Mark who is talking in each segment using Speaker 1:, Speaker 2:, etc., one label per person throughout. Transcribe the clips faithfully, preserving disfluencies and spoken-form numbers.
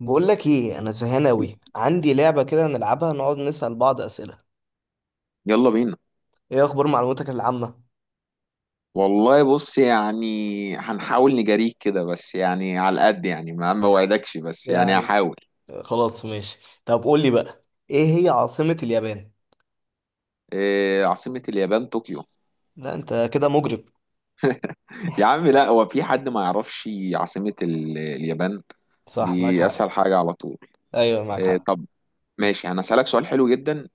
Speaker 1: بقول لك ايه، انا زهقان اوي. عندي لعبه كده نلعبها، نقعد نسال بعض اسئله.
Speaker 2: يلا بينا.
Speaker 1: ايه اخبار معلوماتك العامه؟
Speaker 2: والله بص، يعني هنحاول نجاريك كده، بس يعني على القد، يعني ما ما وعدكش، بس يعني
Speaker 1: يعني.
Speaker 2: هحاول.
Speaker 1: آه، خلاص ماشي. طب قول لي بقى. ايه هي عاصمه اليابان؟
Speaker 2: إيه عاصمة اليابان؟ طوكيو.
Speaker 1: لا، انت كده مجرب.
Speaker 2: يا عم لا، هو في حد ما يعرفش عاصمة ال- اليابان؟
Speaker 1: صح، معاك
Speaker 2: دي
Speaker 1: حق.
Speaker 2: أسهل حاجة على طول.
Speaker 1: ايوه، معاك
Speaker 2: إيه
Speaker 1: حق.
Speaker 2: طب؟ ماشي، أنا أسألك سؤال حلو جدا.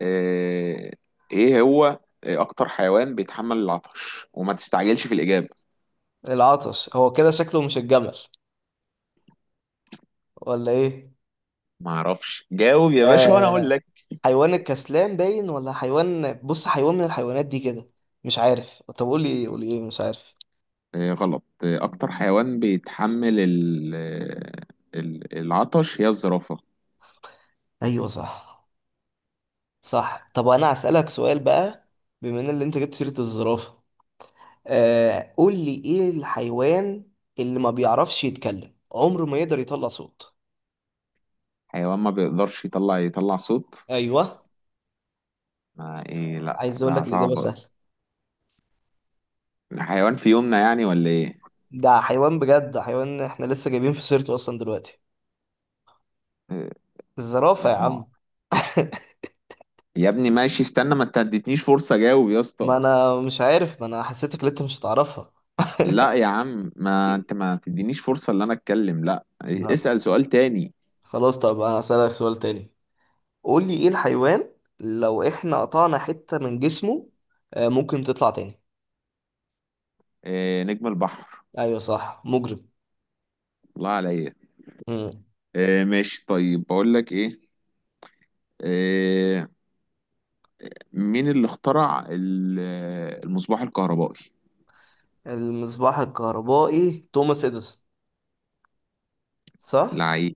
Speaker 2: إيه؟ إيه هو أكتر حيوان بيتحمل العطش؟ وما تستعجلش في الإجابة.
Speaker 1: العطش، هو كده شكله مش الجمل ولا ايه؟
Speaker 2: ما أعرفش، جاوب يا باشا وأنا أقول
Speaker 1: آه.
Speaker 2: لك.
Speaker 1: حيوان الكسلان باين، ولا حيوان، بص حيوان من الحيوانات دي كده. مش عارف، طب قول لي قول لي ايه، مش عارف.
Speaker 2: آه، غلط آه، أكتر حيوان بيتحمل ال- آه، ال- العطش هي الزرافة.
Speaker 1: ايوه صح. صح، طب انا هسالك سؤال بقى. بما ان اللي انت جبت سيره الزرافه. آه قول لي ايه الحيوان اللي ما بيعرفش يتكلم، عمره ما يقدر يطلع صوت؟
Speaker 2: حيوان ما بيقدرش يطلع يطلع صوت؟
Speaker 1: ايوه.
Speaker 2: ما إيه، لأ
Speaker 1: عايز اقول
Speaker 2: ده
Speaker 1: لك، الاجابه
Speaker 2: صعب.
Speaker 1: سهله.
Speaker 2: حيوان في يومنا يعني ولا إيه؟
Speaker 1: ده حيوان بجد، ده حيوان احنا لسه جايبين في سيرته اصلا دلوقتي.
Speaker 2: آه،
Speaker 1: الزرافه
Speaker 2: لأ
Speaker 1: يا
Speaker 2: ما
Speaker 1: عم.
Speaker 2: يا ابني ماشي، استنى، ما أنت اديتنيش فرصة أجاوب يا اسطى.
Speaker 1: ما انا مش عارف، ما انا حسيتك اللي انت مش هتعرفها.
Speaker 2: لأ يا عم، ما أنت ما تدينيش فرصة إن أنا أتكلم، لأ إيه،
Speaker 1: لا.
Speaker 2: اسأل سؤال تاني.
Speaker 1: خلاص، طب انا هسألك سؤال تاني. قول لي ايه الحيوان لو احنا قطعنا حتة من جسمه، آه، ممكن تطلع تاني؟
Speaker 2: آه، نجم البحر.
Speaker 1: ايوه صح، مجرم.
Speaker 2: الله عليا.
Speaker 1: مم.
Speaker 2: آه، ماشي طيب، بقول لك إيه. آه، مين اللي اخترع ال- المصباح الكهربائي؟
Speaker 1: المصباح الكهربائي، توماس اديسون. صح.
Speaker 2: لعيب،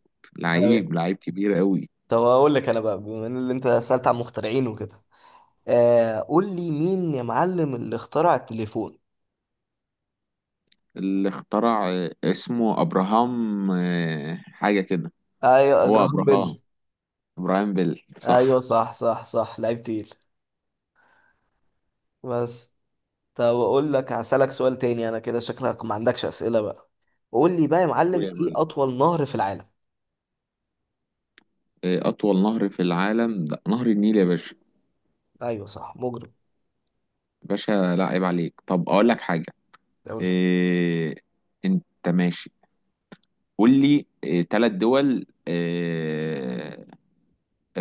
Speaker 1: ايوه.
Speaker 2: لعيب لعيب كبير قوي.
Speaker 1: طب اقول لك انا بقى، بما ان اللي انت سألت عن مخترعين وكده. آه قول لي مين يا معلم اللي اخترع التليفون؟
Speaker 2: اللي اخترع آه، اسمه ابراهام، آه، حاجة كده.
Speaker 1: ايوه،
Speaker 2: هو
Speaker 1: جراهام بيل.
Speaker 2: ابراهام، ابراهام بيل،
Speaker 1: ايوه
Speaker 2: صح.
Speaker 1: صح صح صح، لعيب تقيل. بس. طب اقول لك هسألك سؤال تاني، انا كده شكلك ما عندكش أسئلة بقى. قول لي بقى يا معلم، ايه
Speaker 2: ويعمل
Speaker 1: اطول نهر في العالم؟
Speaker 2: آه، اطول نهر في العالم ده نهر النيل يا باشا.
Speaker 1: ايوه صح، مجرم.
Speaker 2: باشا لا عيب عليك. طب اقول لك حاجة.
Speaker 1: قول لي
Speaker 2: إيه... انت ماشي؟ قول لي إيه... تلات دول إيه...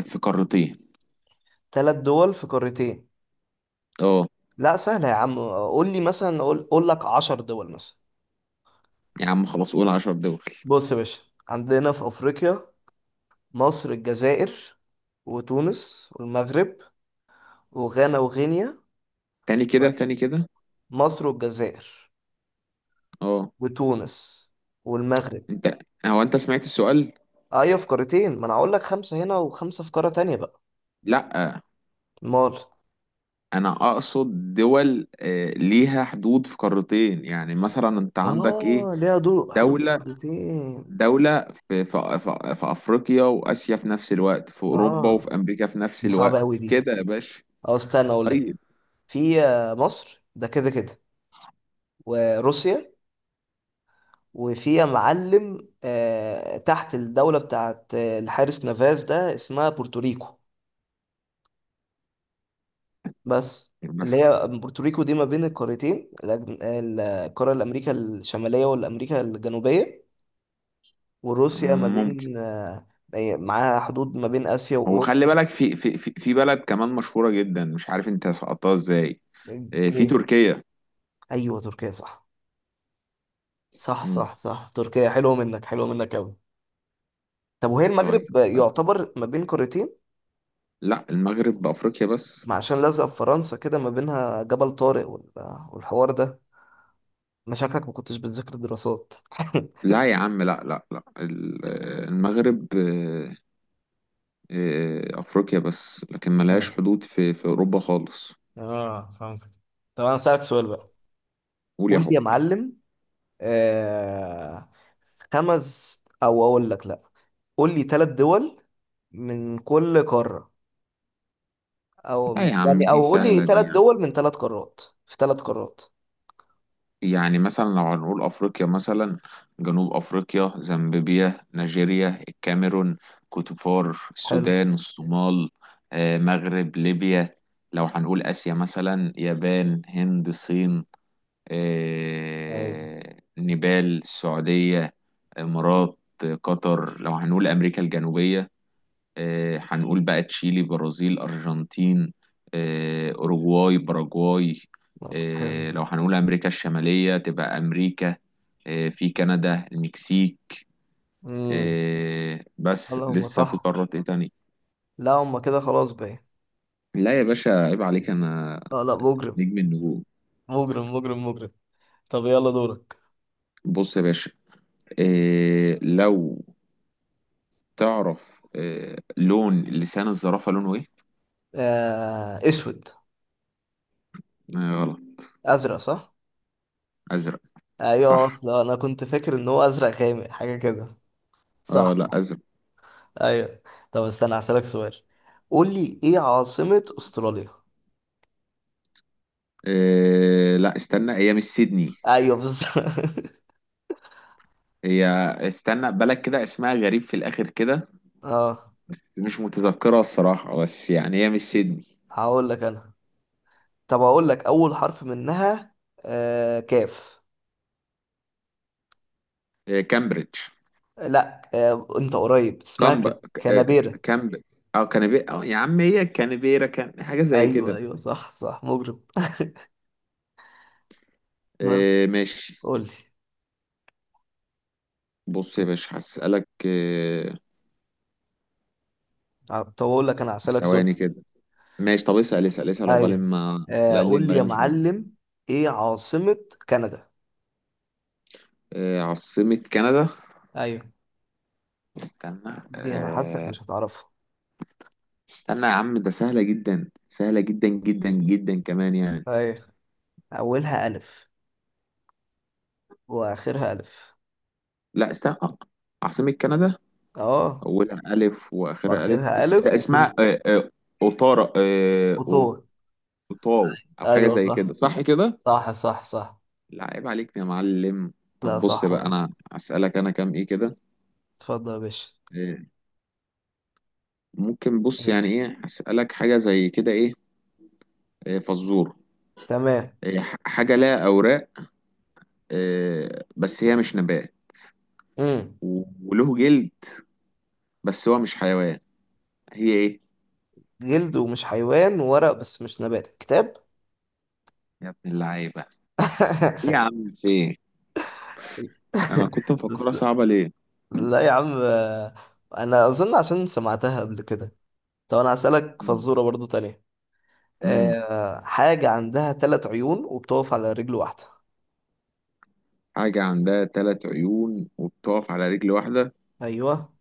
Speaker 2: في قارتين.
Speaker 1: ثلاث دول في قارتين.
Speaker 2: اه.
Speaker 1: لا سهلة يا عم، قول لي مثلا، قول, قول لك عشر دول مثلا.
Speaker 2: يا عم خلاص، قول عشر دول.
Speaker 1: بص يا باشا، عندنا في افريقيا، مصر، الجزائر، وتونس والمغرب، وغانا وغينيا.
Speaker 2: تاني كده، تاني كده.
Speaker 1: مصر والجزائر،
Speaker 2: اه.
Speaker 1: وتونس، والمغرب.
Speaker 2: انت، هو انت سمعت السؤال؟
Speaker 1: ايوه في قارتين، ما انا هقول لك خمسه هنا وخمسه في قاره تانية بقى.
Speaker 2: لا،
Speaker 1: مال؟
Speaker 2: انا اقصد دول آه، ليها حدود في قارتين، يعني مثلا انت عندك ايه؟
Speaker 1: اه، ليها دول حدود في
Speaker 2: دولة،
Speaker 1: قارتين.
Speaker 2: دولة في في في في افريقيا واسيا في نفس الوقت، في اوروبا
Speaker 1: اه،
Speaker 2: وفي امريكا في نفس
Speaker 1: دي صعبه
Speaker 2: الوقت،
Speaker 1: قوي دي.
Speaker 2: كده يا باشا.
Speaker 1: اه استنى اقول لك.
Speaker 2: طيب،
Speaker 1: في آه، مصر ده كده كده، وروسيا. وفي يا معلم آه تحت الدوله بتاعت آه، الحارس نافاز ده، اسمها بورتوريكو. بس. اللي
Speaker 2: مثلا
Speaker 1: هي بورتوريكو دي ما بين القارتين، الأج- القارة الأمريكا الشمالية والأمريكا الجنوبية. وروسيا ما
Speaker 2: ممكن.
Speaker 1: بين آه، معاها حدود ما بين آسيا
Speaker 2: هو
Speaker 1: وأوروبا.
Speaker 2: خلي بالك في في في في بلد كمان مشهورة جدا، مش عارف انت سقطتها ازاي. آه، في
Speaker 1: إيه؟
Speaker 2: تركيا.
Speaker 1: أيوه تركيا، صح. صح
Speaker 2: مم،
Speaker 1: صح صح، تركيا حلوة منك، حلوة منك أوي. طب وهي
Speaker 2: طيب.
Speaker 1: المغرب
Speaker 2: طيب.
Speaker 1: يعتبر ما بين قارتين؟
Speaker 2: لا، المغرب بافريقيا بس.
Speaker 1: ما عشان لازقة في فرنسا كده، ما بينها جبل طارق وال- والحوار ده. مشاكلك، ما كنتش بتذاكر دراسات؟
Speaker 2: لا يا عم، لا لا لا، ال- المغرب آه، آه، أفريقيا بس، لكن ملهاش
Speaker 1: اه.
Speaker 2: حدود في في أوروبا خالص.
Speaker 1: اه، فهمت. طب أنا أسألك سؤال بقى.
Speaker 2: قول يا
Speaker 1: قول لي
Speaker 2: حب.
Speaker 1: يا معلم، آه خمس، او اقول لك لا. قول لي ثلاث دول من كل قارة.
Speaker 2: لا
Speaker 1: او،
Speaker 2: يا عم،
Speaker 1: يعني
Speaker 2: دي
Speaker 1: او قول لي
Speaker 2: سهلة دي
Speaker 1: ثلاث
Speaker 2: يعني.
Speaker 1: دول من ثلاث قارات، في ثلاث قارات.
Speaker 2: يعني مثلا لو هنقول أفريقيا مثلا، جنوب أفريقيا، زامبيا، نيجيريا، الكاميرون، كوتيفوار،
Speaker 1: حلو.
Speaker 2: السودان، الصومال، آه، مغرب، ليبيا. لو هنقول آسيا مثلا، يابان، هند، الصين،
Speaker 1: اي.
Speaker 2: آه، نيبال، السعودية، إمارات، قطر. لو هنقول أمريكا الجنوبية، آه، هنقول بقى تشيلي، برازيل، أرجنتين، آه، أوروغواي، باراجواي.
Speaker 1: آه، حلو.
Speaker 2: آه، لو هنقول أمريكا الشمالية، تبقى أمريكا، آه، في كندا، المكسيك.
Speaker 1: امم.
Speaker 2: آه، بس
Speaker 1: اللهم
Speaker 2: لسه في
Speaker 1: صح.
Speaker 2: قارات إيه تاني.
Speaker 1: لا هم كده خلاص بقى.
Speaker 2: لا يا باشا عيب عليك أنا،
Speaker 1: اه لا، مجرم.
Speaker 2: نجم النجوم.
Speaker 1: مجرم مجرم مجرم. طب يلا دورك.
Speaker 2: بص يا باشا، آه، لو تعرف آه، لون لسان الزرافة لونه ايه؟
Speaker 1: آه اسود.
Speaker 2: آه غلط.
Speaker 1: ازرق؟ صح.
Speaker 2: ازرق،
Speaker 1: ايوه
Speaker 2: صح.
Speaker 1: اصلا انا كنت فاكر ان هو ازرق غامق حاجه كده. صح.
Speaker 2: اه لا، ازرق.
Speaker 1: ايوه. طب استنى هسألك سؤال. قول لي ايه عاصمة استراليا؟
Speaker 2: آه لا، استنى، هي مش سيدني.
Speaker 1: ايوه بالظبط.
Speaker 2: هي، استنى، بلد كده اسمها غريب في الاخر كده،
Speaker 1: اه.
Speaker 2: مش متذكرها الصراحة، بس يعني هي مش سيدني.
Speaker 1: هقول لك انا. طب هقول لك اول حرف منها. آه كاف.
Speaker 2: آه، كامبريدج.
Speaker 1: لا، آه انت قريب، اسمها
Speaker 2: كامب
Speaker 1: كان
Speaker 2: آه
Speaker 1: كانبيرا.
Speaker 2: كامب او كانبي، أو يا عم هي كانبيرا، كان حاجة زي
Speaker 1: ايوه
Speaker 2: كده.
Speaker 1: ايوه صح صح، مجرم. بس.
Speaker 2: آه ماشي.
Speaker 1: قول لي.
Speaker 2: بص يا باشا هسألك آه،
Speaker 1: طب اقول لك انا هسألك سؤال
Speaker 2: ثواني
Speaker 1: تاني.
Speaker 2: كده. ماشي، طب اسأل اسأل اسأل، عقبال
Speaker 1: ايوه.
Speaker 2: ما،
Speaker 1: آه
Speaker 2: لأن
Speaker 1: قول لي
Speaker 2: دماغي
Speaker 1: يا
Speaker 2: مش مجمع.
Speaker 1: معلم، ايه عاصمة كندا؟
Speaker 2: آه، عاصمة كندا،
Speaker 1: ايوه.
Speaker 2: استنى
Speaker 1: دي انا حاسك
Speaker 2: آه،
Speaker 1: مش هتعرفها.
Speaker 2: استنى يا عم، ده سهلة جدا، سهلة جدا جدا جدا كمان يعني.
Speaker 1: ايوه. اولها الف، واخرها الف.
Speaker 2: لا استنى آه، عاصمة كندا،
Speaker 1: اه.
Speaker 2: أولها ألف وآخرها ألف،
Speaker 1: واخرها
Speaker 2: اس-
Speaker 1: ألف،
Speaker 2: آه،
Speaker 1: وفي
Speaker 2: اسمها آه، آه، أوتارا آه، أو-
Speaker 1: الفطور.
Speaker 2: أوتاو، أو حاجة
Speaker 1: أيوة
Speaker 2: زي
Speaker 1: صح.
Speaker 2: كده، صح كده؟
Speaker 1: صح صح صح.
Speaker 2: لا عيب عليك يا معلم.
Speaker 1: لا
Speaker 2: طب بص
Speaker 1: صح
Speaker 2: بقى،
Speaker 1: والله.
Speaker 2: أنا أسألك أنا، كام إيه كده.
Speaker 1: اتفضل يا باشا.
Speaker 2: آه، ممكن بص يعني،
Speaker 1: ماشي.
Speaker 2: إيه أسألك حاجة زي كده إيه. آه، فزور.
Speaker 1: تمام.
Speaker 2: آه، ح- حاجة لها أوراق، آه، بس هي مش نبات،
Speaker 1: امم.
Speaker 2: وله جلد بس هو مش حيوان، هي ايه؟
Speaker 1: جلد ومش حيوان، وورق بس مش نبات، كتاب.
Speaker 2: يا ابن اللعيبه. ايه يا عم، في ايه؟ انا كنت مفكرها
Speaker 1: بس.
Speaker 2: صعبه ليه.
Speaker 1: لا يا عم، آه، أنا أظن عشان سمعتها قبل كده. طب أنا هسألك
Speaker 2: مم.
Speaker 1: فزورة برضو تانية.
Speaker 2: مم.
Speaker 1: أه حاجة عندها ثلاث عيون وبتقف على رجل واحدة.
Speaker 2: حاجه عندها ثلاث عيون وبتقف على رجل واحده.
Speaker 1: أيوة.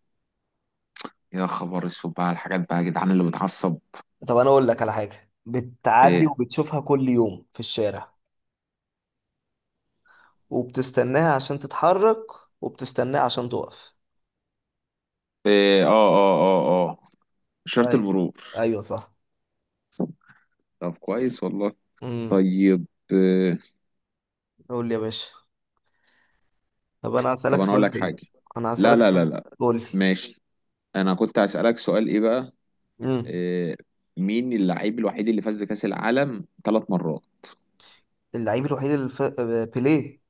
Speaker 2: يا خبر اسود بقى على الحاجات بقى يا جدعان اللي بتعصب.
Speaker 1: طب أنا أقول لك على حاجة بتعدي
Speaker 2: ايه،
Speaker 1: وبتشوفها كل يوم في الشارع، وبتستناها عشان تتحرك، وبتستناها عشان تقف.
Speaker 2: ايه اه اه اه اه اشاره
Speaker 1: اي.
Speaker 2: المرور.
Speaker 1: ايوه صح.
Speaker 2: طب كويس والله.
Speaker 1: امم.
Speaker 2: طيب، آه،
Speaker 1: قول لي يا باشا. طب انا
Speaker 2: طب
Speaker 1: هسألك
Speaker 2: انا اقول
Speaker 1: سؤال
Speaker 2: لك
Speaker 1: تاني.
Speaker 2: حاجه.
Speaker 1: انا
Speaker 2: لا
Speaker 1: هسألك
Speaker 2: لا لا
Speaker 1: سؤال.
Speaker 2: لا،
Speaker 1: قول لي.
Speaker 2: ماشي. انا كنت هسألك سؤال ايه بقى.
Speaker 1: امم.
Speaker 2: آه، مين اللعيب الوحيد اللي فاز بكأس العالم ثلاث مرات؟
Speaker 1: اللعيب الوحيد اللي ف... آه، بيليه.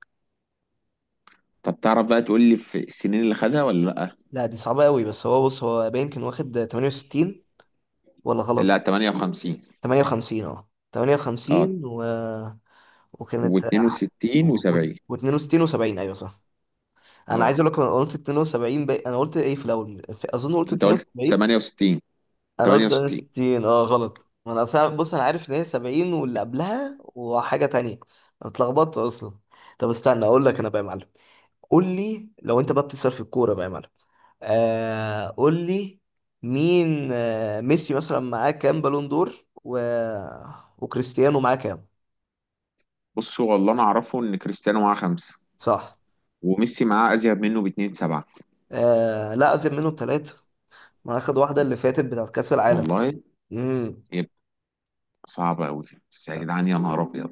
Speaker 2: طب تعرف بقى تقول لي في السنين اللي خدها ولا؟
Speaker 1: لا دي صعبة قوي، بس هو، بص هو باين كان واخد تمانية وستين. ولا
Speaker 2: لا لا،
Speaker 1: غلط؟
Speaker 2: تمانية وخمسين.
Speaker 1: تمانية وخمسين. اه
Speaker 2: اه،
Speaker 1: ثمانية وخمسين و... وكانت
Speaker 2: و62
Speaker 1: و...
Speaker 2: و70.
Speaker 1: و62 و70. ايوه صح. انا
Speaker 2: اه.
Speaker 1: عايز اقول لك، انا قلت اتنين وسبعين. بي... انا قلت ايه في الاول، في... اظن قلت
Speaker 2: انت قلت
Speaker 1: اتنين وسبعين.
Speaker 2: تمانية وستين.
Speaker 1: انا قلت
Speaker 2: تمانية وستين.
Speaker 1: ستين، اه غلط، ما انا أصلاً- بص انا عارف ان هي سبعين واللي قبلها، وحاجه تانية. انا اتلخبطت اصلا. طب استنى اقول لك انا بقى يا معلم. قول لي، لو انت بقى بتسأل في الكوره بقى يا معلم، آه قول لي، مين آه ميسي مثلا معاه كام بالون دور، و... وكريستيانو معاه كام؟
Speaker 2: بص والله انا اعرفه ان كريستيانو معاه خمسة،
Speaker 1: صح.
Speaker 2: وميسي معاه ازيد منه باتنين، سبعة.
Speaker 1: آه لا، اخذ منهم ثلاثه، ما اخد واحده اللي فاتت بتاعت كاس العالم.
Speaker 2: والله.
Speaker 1: امم.
Speaker 2: يبقى صعب قوي بس، يا جدعان يا نهار ابيض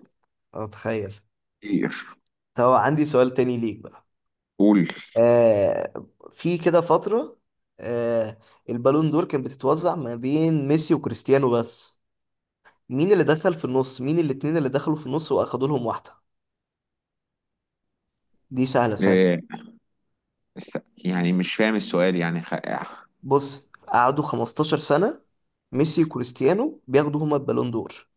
Speaker 1: اتخيل.
Speaker 2: كتير.
Speaker 1: طب عندي سؤال تاني ليك بقى.
Speaker 2: قول.
Speaker 1: آه، في كده فترة، آه، البالون دور كانت بتتوزع ما بين ميسي وكريستيانو بس. مين اللي دخل في النص، مين الاتنين اللي دخلوا في النص واخدوا لهم واحدة؟ دي سهلة سهلة.
Speaker 2: إيه. بس يعني مش فاهم السؤال، يعني خ...
Speaker 1: بص قعدوا خمستاشر سنة، ميسي وكريستيانو بياخدوا هما البالون دور،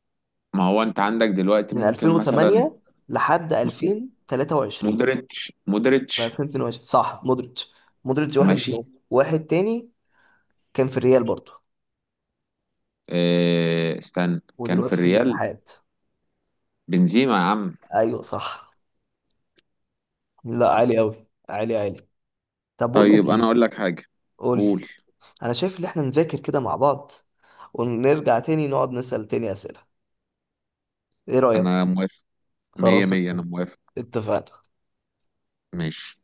Speaker 2: ما هو انت عندك دلوقتي
Speaker 1: من
Speaker 2: ممكن مثلا
Speaker 1: ألفين وتمانية لحد ألفين وتلاتة وعشرين.
Speaker 2: مودريتش
Speaker 1: ولا
Speaker 2: مودريتش
Speaker 1: ألفين واتنين وعشرين؟ صح مودريتش. مودريتش واحد
Speaker 2: ماشي.
Speaker 1: منهم. واحد تاني، كان في الريال برضه،
Speaker 2: إيه. استنى كان في
Speaker 1: ودلوقتي في
Speaker 2: الريال.
Speaker 1: الاتحاد.
Speaker 2: بنزيما يا عم.
Speaker 1: ايوه صح. لا، عالي قوي، عالي عالي. طب بقول لك
Speaker 2: طيب انا
Speaker 1: ايه.
Speaker 2: اقول لك حاجه.
Speaker 1: قول لي.
Speaker 2: قول.
Speaker 1: انا شايف ان احنا نذاكر كده مع بعض، ونرجع تاني نقعد نسأل تاني أسئلة. ايه رأيك؟
Speaker 2: انا موافق. مية
Speaker 1: خلاص ات-
Speaker 2: مية، انا موافق.
Speaker 1: اتفقنا.
Speaker 2: ماشي.